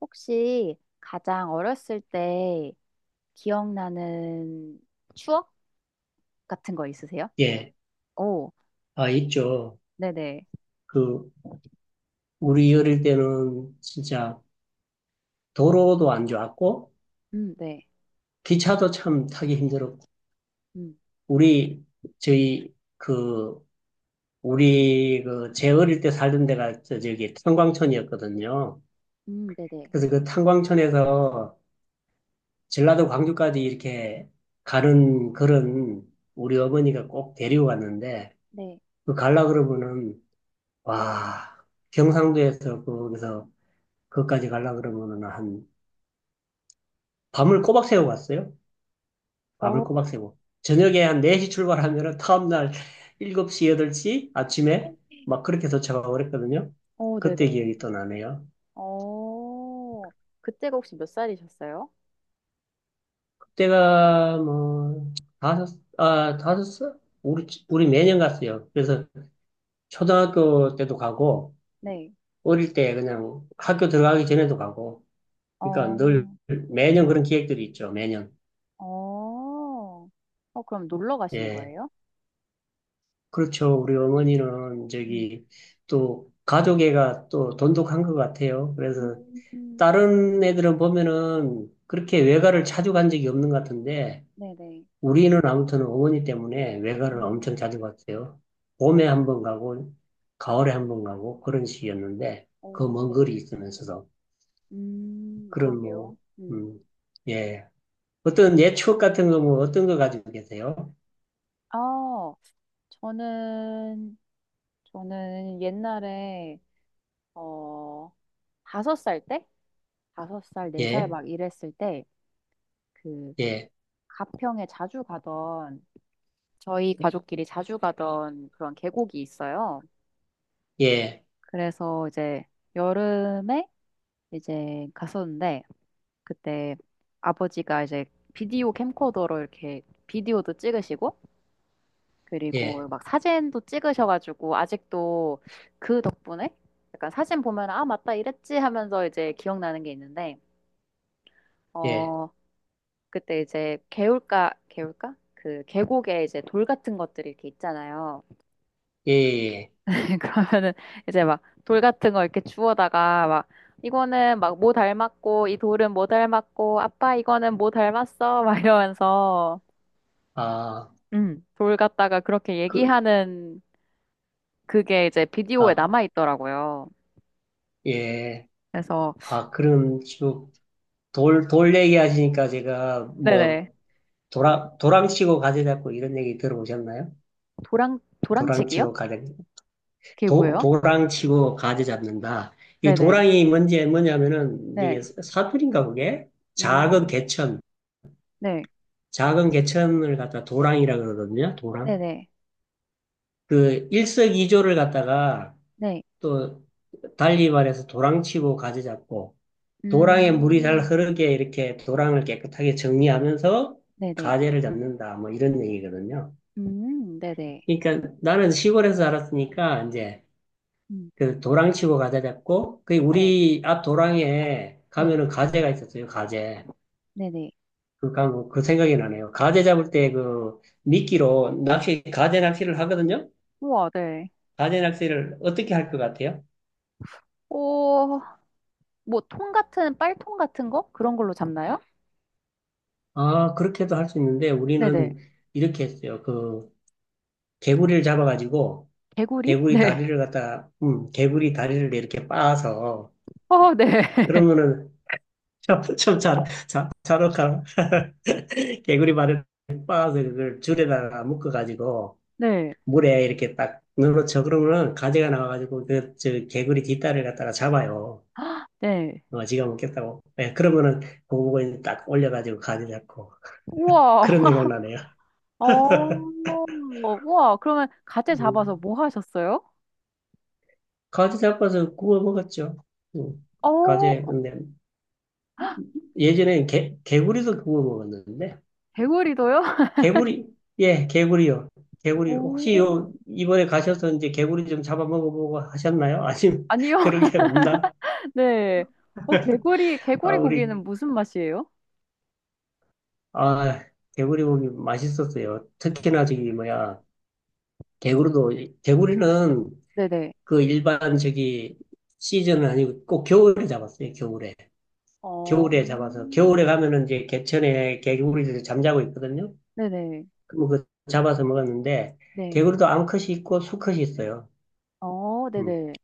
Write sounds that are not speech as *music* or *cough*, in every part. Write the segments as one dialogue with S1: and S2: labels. S1: 혹시 가장 어렸을 때 기억나는 추억 같은 거 있으세요?
S2: 예,
S1: 오,
S2: 아, 있죠.
S1: 네네.
S2: 그, 우리 어릴 때는 진짜 도로도 안 좋았고,
S1: 네.
S2: 기차도 참 타기 힘들었고,
S1: 음.
S2: 우리, 저희, 그, 우리, 그, 제 어릴 때 살던 데가 저기 탄광촌이었거든요.
S1: 네네.
S2: 그래서 그 탄광촌에서 전라도 광주까지 이렇게 가는 그런 우리 어머니가 꼭 데리고 갔는데,
S1: 네.
S2: 그 갈라 그러면은, 와, 경상도에서 거기서 그것까지 갈라 그러면은 한 밤을 꼬박 새고 갔어요.
S1: 어,
S2: 밤을 꼬박 새고. 저녁에 한 4시 출발하면은 다음날 7시, 8시 아침에
S1: 네?
S2: 막 그렇게 도착하고 그랬거든요.
S1: 어,
S2: 그때
S1: 네네.
S2: 기억이 또 나네요.
S1: 어, 그때가 혹시 몇 살이셨어요?
S2: 그때가 뭐, 다섯 살? 우리 매년 갔어요. 그래서 초등학교 때도 가고,
S1: 네.
S2: 어릴 때 그냥 학교 들어가기 전에도 가고, 그러니까 늘
S1: 어,
S2: 매년 그런 기획들이 있죠, 매년.
S1: 어, 어, 그럼 놀러 가신
S2: 예.
S1: 거예요?
S2: 그렇죠. 우리 어머니는
S1: 음.
S2: 저기 또 가족애가 또 돈독한 것 같아요. 그래서
S1: 음,
S2: 다른 애들은 보면은 그렇게 외가를 자주 간 적이 없는 것 같은데
S1: 네네.
S2: 우리는 아무튼 어머니 때문에 외가를
S1: 음.
S2: 엄청 자주 갔어요. 봄에 한번 가고 가을에 한번 가고 그런 식이었는데 그
S1: 오,
S2: 먼
S1: 네.
S2: 거리 있으면서도 그런
S1: 그러게요.
S2: 뭐,
S1: 음.
S2: 음, 예. 어떤 예 추억 같은 거 뭐 어떤 거 가지고 계세요?
S1: 아, 저는 저는 옛날에 어 5살 때, 5살, 4살
S2: 예,
S1: 막 이랬을 때 그
S2: 예,
S1: 가평에 자주 가던 저희 가족끼리 자주 가던 그런 계곡이 있어요.
S2: 예,
S1: 그래서 이제 여름에 이제 갔었는데 그때 아버지가 이제 비디오 캠코더로 이렇게 비디오도 찍으시고,
S2: 예,
S1: 그리고 막 사진도 찍으셔가지고, 아직도 그 덕분에 약간 사진 보면 아 맞다 이랬지 하면서 이제 기억나는 게 있는데,
S2: 예,
S1: 어, 그때 이제 개울가, 개울가? 그 계곡에 이제 돌 같은 것들이 이렇게 있잖아요.
S2: 예. 예.
S1: *laughs* 그러면은 이제 막 돌 같은 거 이렇게 주워다가 막 이거는 막 뭐 닮았고 이 돌은 뭐 닮았고 아빠 이거는 뭐 닮았어 막 이러면서,
S2: 아,
S1: 돌 갖다가 그렇게
S2: 그,
S1: 얘기하는 그게 이제 비디오에
S2: 아,
S1: 남아 있더라고요.
S2: 예.
S1: 그래서
S2: 아, 그럼 지금 돌 얘기하시니까 제가 뭐,
S1: 네네.
S2: 도랑, 도랑치고 가재 잡고 이런 얘기 들어보셨나요?
S1: 도랑, 도랑치기요?
S2: 도랑치고 가재,
S1: 그게
S2: 도,
S1: 뭐예요?
S2: 도랑치고 가재 잡는다. 이
S1: 네네.
S2: 도랑이 뭔지, 뭐냐면은
S1: 네.
S2: 이게 사투리인가 그게? 작은
S1: 음.
S2: 개천,
S1: 네.
S2: 작은 개천을 갖다 도랑이라 그러거든요. 도랑.
S1: 네네.
S2: 그 일석이조를 갖다가
S1: 네.
S2: 또 달리 말해서 도랑치고 가재 잡고 도랑에 물이 잘
S1: 음.
S2: 흐르게 이렇게 도랑을 깨끗하게 정리하면서
S1: 네네.
S2: 가재를 잡는다. 뭐 이런 얘기거든요.
S1: 네네.
S2: 그러니까 나는 시골에서 자랐으니까 이제
S1: 음,
S2: 그 도랑 치고 가재 잡고 그
S1: 네,
S2: 우리 앞 도랑에
S1: 네,
S2: 가면은 가재가 있었어요. 가재.
S1: 네네.
S2: 그 생각이 나네요. 가재 잡을 때 그 미끼로 가재 낚시를 하거든요.
S1: 우와, 네.
S2: 가재 낚시를 어떻게 할 것 같아요?
S1: 오, 뭐, 통 같은, 빨통 같은 거? 그런 걸로 잡나요?
S2: 아, 그렇게도 할 수 있는데
S1: 네네.
S2: 우리는 이렇게 했어요. 그 개구리를 잡아가지고
S1: 개구리? *laughs* 네.
S2: 개구리 다리를 이렇게 빻아서,
S1: 어, 네. *laughs*
S2: 그러면은, 참 잘할까? *laughs* 개구리 발을 빻아서 그걸 줄에다가 묶어가지고,
S1: 네.
S2: 물에 이렇게 딱 눌러쳐. 그러면은, 가지가 나와가지고, 개구리 뒷다리를 갖다가 잡아요.
S1: 네.
S2: 어, 지가 먹겠다고. 예, 그러면은, 그거 보고 이제 딱 올려가지고 가지 잡고.
S1: 우와.
S2: 그런
S1: *laughs*
S2: 생각 나네요.
S1: 어, 우와. 그러면 가재 잡아서
S2: 음,
S1: 뭐 하셨어요?
S2: 가지 잡아서 구워 먹었죠. 음,
S1: 어,
S2: 가지, 근데, 예전에 개구리도 구워 먹었는데,
S1: 개구리도요? *laughs*
S2: 개구리, 예, 개구리요. 개구리,
S1: 오,
S2: 혹시 이번에 가셔서 이제 개구리 좀 잡아먹어보고 하셨나요? 아니면
S1: 아니요.
S2: *laughs* 그런 게 없나?
S1: *laughs* 네. 어, 개구리,
S2: 아,
S1: 개구리
S2: 우리,
S1: 고기는 무슨 맛이에요?
S2: 아, 개구리 고기 맛있었어요. 특히나 저기, 뭐야, 개구리도, 개구리는
S1: 네네.
S2: 그 일반 저기 시즌은 아니고 꼭 겨울에 잡았어요, 겨울에.
S1: 어,
S2: 겨울에 잡아서, 겨울에 가면은 이제 개천에 개구리들이 잠자고 있거든요.
S1: 네네.
S2: 그럼 그 잡아서 먹었는데,
S1: 네.
S2: 개구리도 암컷이 있고 수컷이 있어요.
S1: 어,
S2: 음.
S1: 네네.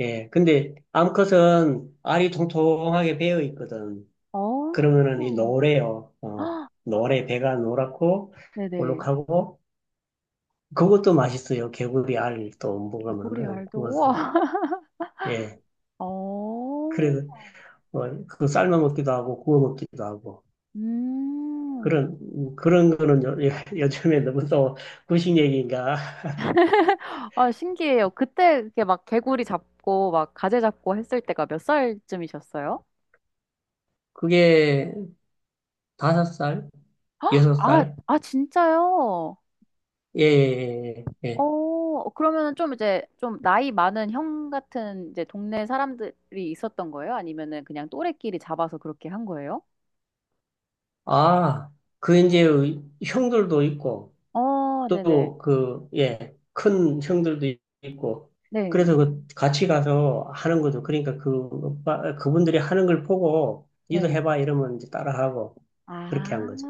S2: 예, 근데 암컷은 알이 통통하게 배어 있거든.
S1: 어,
S2: 그러면은 이 노래요. 어, 노래 배가 노랗고
S1: 네네.
S2: 볼록하고 그것도 맛있어요. 개구리 알또
S1: 개구리
S2: 먹으면은
S1: 알도,
S2: 구워서.
S1: 우와.
S2: 예,
S1: *laughs* 어,
S2: 그래 어, 그거 삶아 먹기도 하고 구워 먹기도 하고
S1: 음.
S2: 그런 그런 거는 요즘에 너무 또 구식 얘기인가?
S1: 아, 신기해요. 그때 이렇게 막 개구리 잡고, 막 가재 잡고 했을 때가 몇 살쯤이셨어요?
S2: 그게 5살, 여섯
S1: 아,
S2: 살?
S1: 아, 진짜요?
S2: 예, 예, 예. 예. 예.
S1: 어, 그러면은 좀 이제 좀 나이 많은 형 같은 이제 동네 사람들이 있었던 거예요? 아니면은 그냥 또래끼리 잡아서 그렇게 한 거예요?
S2: 아, 그 이제 형들도 있고.
S1: 어, 네네.
S2: 또 그, 예, 큰 형들도 있고.
S1: 네,
S2: 그래서 그 같이 가서 하는 거죠. 그러니까 그, 그분들이 하는 걸 보고, 니도
S1: 네.
S2: 해봐 이러면 이제 따라하고, 그렇게 한
S1: 아,
S2: 거죠.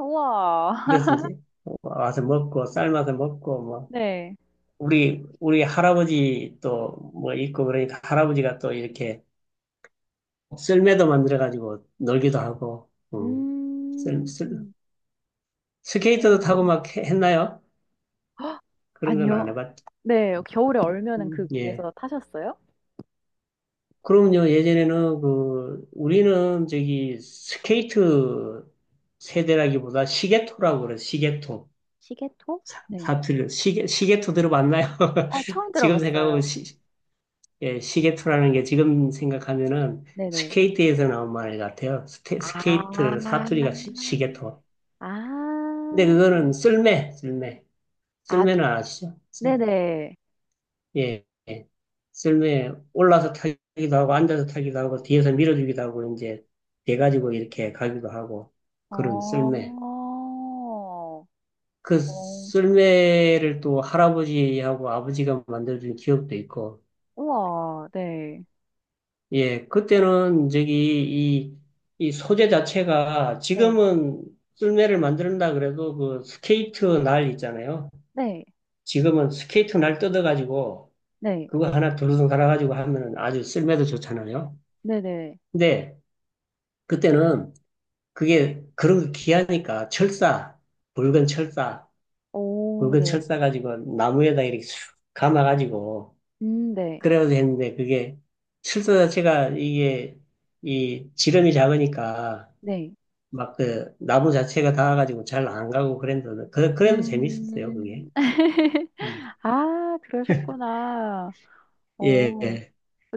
S1: 우와.
S2: 그래서 이제 와서 먹고, 삶아서 먹고, 뭐,
S1: 네.
S2: 우리 할아버지 또 뭐 있고, 그러니까 할아버지가 또 이렇게 썰매도 만들어가지고 놀기도 하고, 썰, 썰,
S1: 음,
S2: 스케이트도
S1: 어,
S2: 타고 막 했나요? 그런 건 안
S1: 아니요.
S2: 해봤죠.
S1: 네, 겨울에 얼면은 그
S2: 예.
S1: 위에서 타셨어요?
S2: 그럼요. 예전에는 그 우리는 저기 스케이트 세대라기보다 시계토라고 그래요. 시계토.
S1: 시계토? 네.
S2: 사투리로 시계토 들어봤나요?
S1: 어,
S2: *laughs*
S1: 처음
S2: 지금 생각하면
S1: 들어봤어요.
S2: 시계토라는 게 지금 생각하면은
S1: 네네.
S2: 스케이트에서 나온 말 같아요.
S1: 아,
S2: 스케이트 사투리가 시계토.
S1: 아,
S2: 근데 그거는 쓸매.
S1: 아,
S2: 쓸매는 아시죠?
S1: 네네.
S2: 예, 예. 썰매에 올라서 타기도 하고, 앉아서 타기도 하고, 뒤에서 밀어주기도 하고, 이제, 돼가지고 이렇게 가기도 하고, 그런
S1: 어,
S2: 썰매. 그
S1: 어,
S2: 썰매를 또 할아버지하고 아버지가 만들어준 기억도 있고,
S1: 우와, 네.
S2: 예, 그때는 저기, 이 소재 자체가
S1: 네,
S2: 지금은 썰매를 만든다 그래도 그 스케이트 날 있잖아요.
S1: 네,
S2: 지금은 스케이트 날 뜯어가지고,
S1: 네,
S2: 그거 하나 두루둥 갈아가지고 하면은 아주 썰매도 좋잖아요.
S1: 네네.
S2: 근데, 그때는 그게 그런 거 귀하니까 철사, 붉은 철사,
S1: 오,
S2: 굵은
S1: 네.
S2: 철사 가지고 나무에다 이렇게 슉 감아가지고
S1: 네,
S2: 그래가지고 했는데 그게 철사 자체가 이게 이 지름이 작으니까
S1: 네.
S2: 막 그 나무 자체가 닿아가지고 잘 안 가고 그랬는데 그, 그래도 재밌었어요
S1: 음.
S2: 그게.
S1: *laughs*
S2: 음.
S1: 아, 그러셨구나.
S2: 예,
S1: 어,
S2: 예,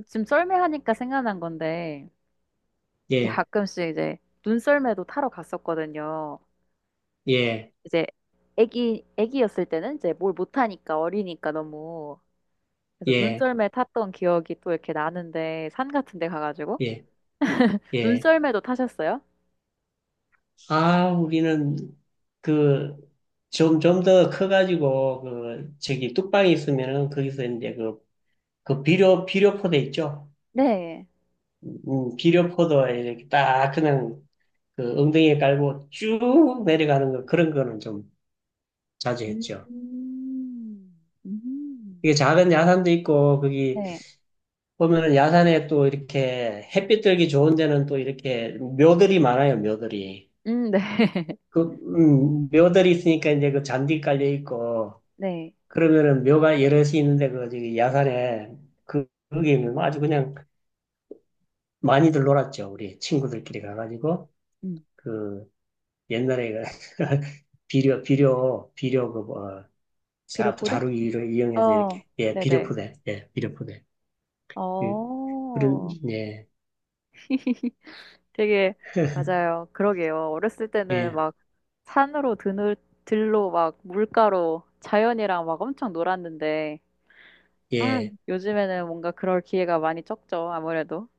S1: 지금 썰매하니까 생각난 건데, 이제
S2: 예,
S1: 가끔씩 이제 눈썰매도 타러 갔었거든요.
S2: 예,
S1: 이제 애기였을 때는 이제 뭘 못하니까 어리니까 너무. 그래서
S2: 예,
S1: 눈썰매 탔던 기억이 또 이렇게 나는데, 산 같은 데 가가지고.
S2: 예, 예.
S1: 눈썰매도 타셨어요?
S2: 아, 우리는 그, 좀 더 커가지고, 그, 저기, 뚝방이 있으면은, 거기서 이제 그, 그 비료포대 있죠?
S1: 네.
S2: 비료포도에 이렇게 딱 그냥 그 엉덩이에 깔고 쭉 내려가는 거, 그런 거는 좀 자주 했죠.
S1: 음, 음.
S2: 이게 작은 야산도 있고, 거기
S1: 네.
S2: 보면은 야산에 또 이렇게 햇빛 들기 좋은 데는 또 이렇게 묘들이 많아요, 묘들이.
S1: 네. *laughs*
S2: 그, 묘들이 있으니까 이제 그 잔디 깔려 있고,
S1: 네.
S2: 그러면은 묘가 여럿이 있는데 그 저기 야산에 그 거기는 아주 그냥 많이들 놀았죠. 우리 친구들끼리 가가지고
S1: 음,
S2: 그 옛날에 그 *laughs* 비료 그뭐
S1: 비료
S2: 자
S1: 포대?
S2: 루를 이용해서
S1: 어,
S2: 이렇게 예 비료
S1: 네네.
S2: 포대 예 비료 포대 예, 그런
S1: 어,
S2: 예.
S1: *laughs* 되게
S2: *laughs*
S1: 맞아요. 그러게요. 어렸을 때는
S2: 예,
S1: 막 산으로 드늘 들로 막 물가로 자연이랑 막 엄청 놀았는데, 아,
S2: 예,
S1: 요즘에는 뭔가 그럴 기회가 많이 적죠. 아무래도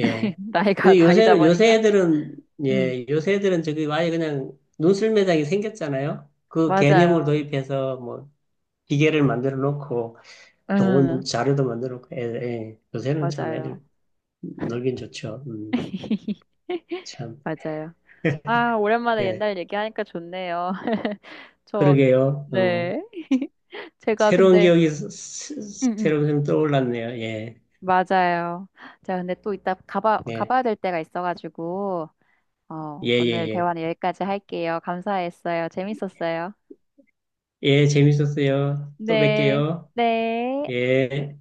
S1: *laughs* 나이가
S2: 근데
S1: 나이다
S2: 요새
S1: 보니까. 음,
S2: 요새 애들은 저기 아예 그냥 논술 매장이 생겼잖아요. 그 개념을
S1: 맞아요.
S2: 도입해서 뭐 기계를 만들어 놓고
S1: 음,
S2: 좋은 자료도 만들었고, 애, 예. 요새는 참
S1: 맞아요.
S2: 애들 놀긴 좋죠.
S1: *laughs*
S2: 참,
S1: 맞아요. 아, 오랜만에
S2: 예.
S1: 옛날 얘기하니까 좋네요. *laughs* 저,
S2: 그러게요. 어,
S1: 네. *laughs* 제가
S2: 새로운
S1: 근데,
S2: 기억이
S1: 음, 음.
S2: 새록새록 떠올랐네요. 예,
S1: 맞아요. 자, 근데 또 이따
S2: 예,
S1: 가봐야 될 때가 있어가지고, 어,
S2: 예, 예,
S1: 오늘
S2: 예.
S1: 대화는 여기까지 할게요. 감사했어요. 재밌었어요.
S2: 예, 재밌었어요. 또
S1: 네.
S2: 뵐게요.
S1: 네.
S2: 예.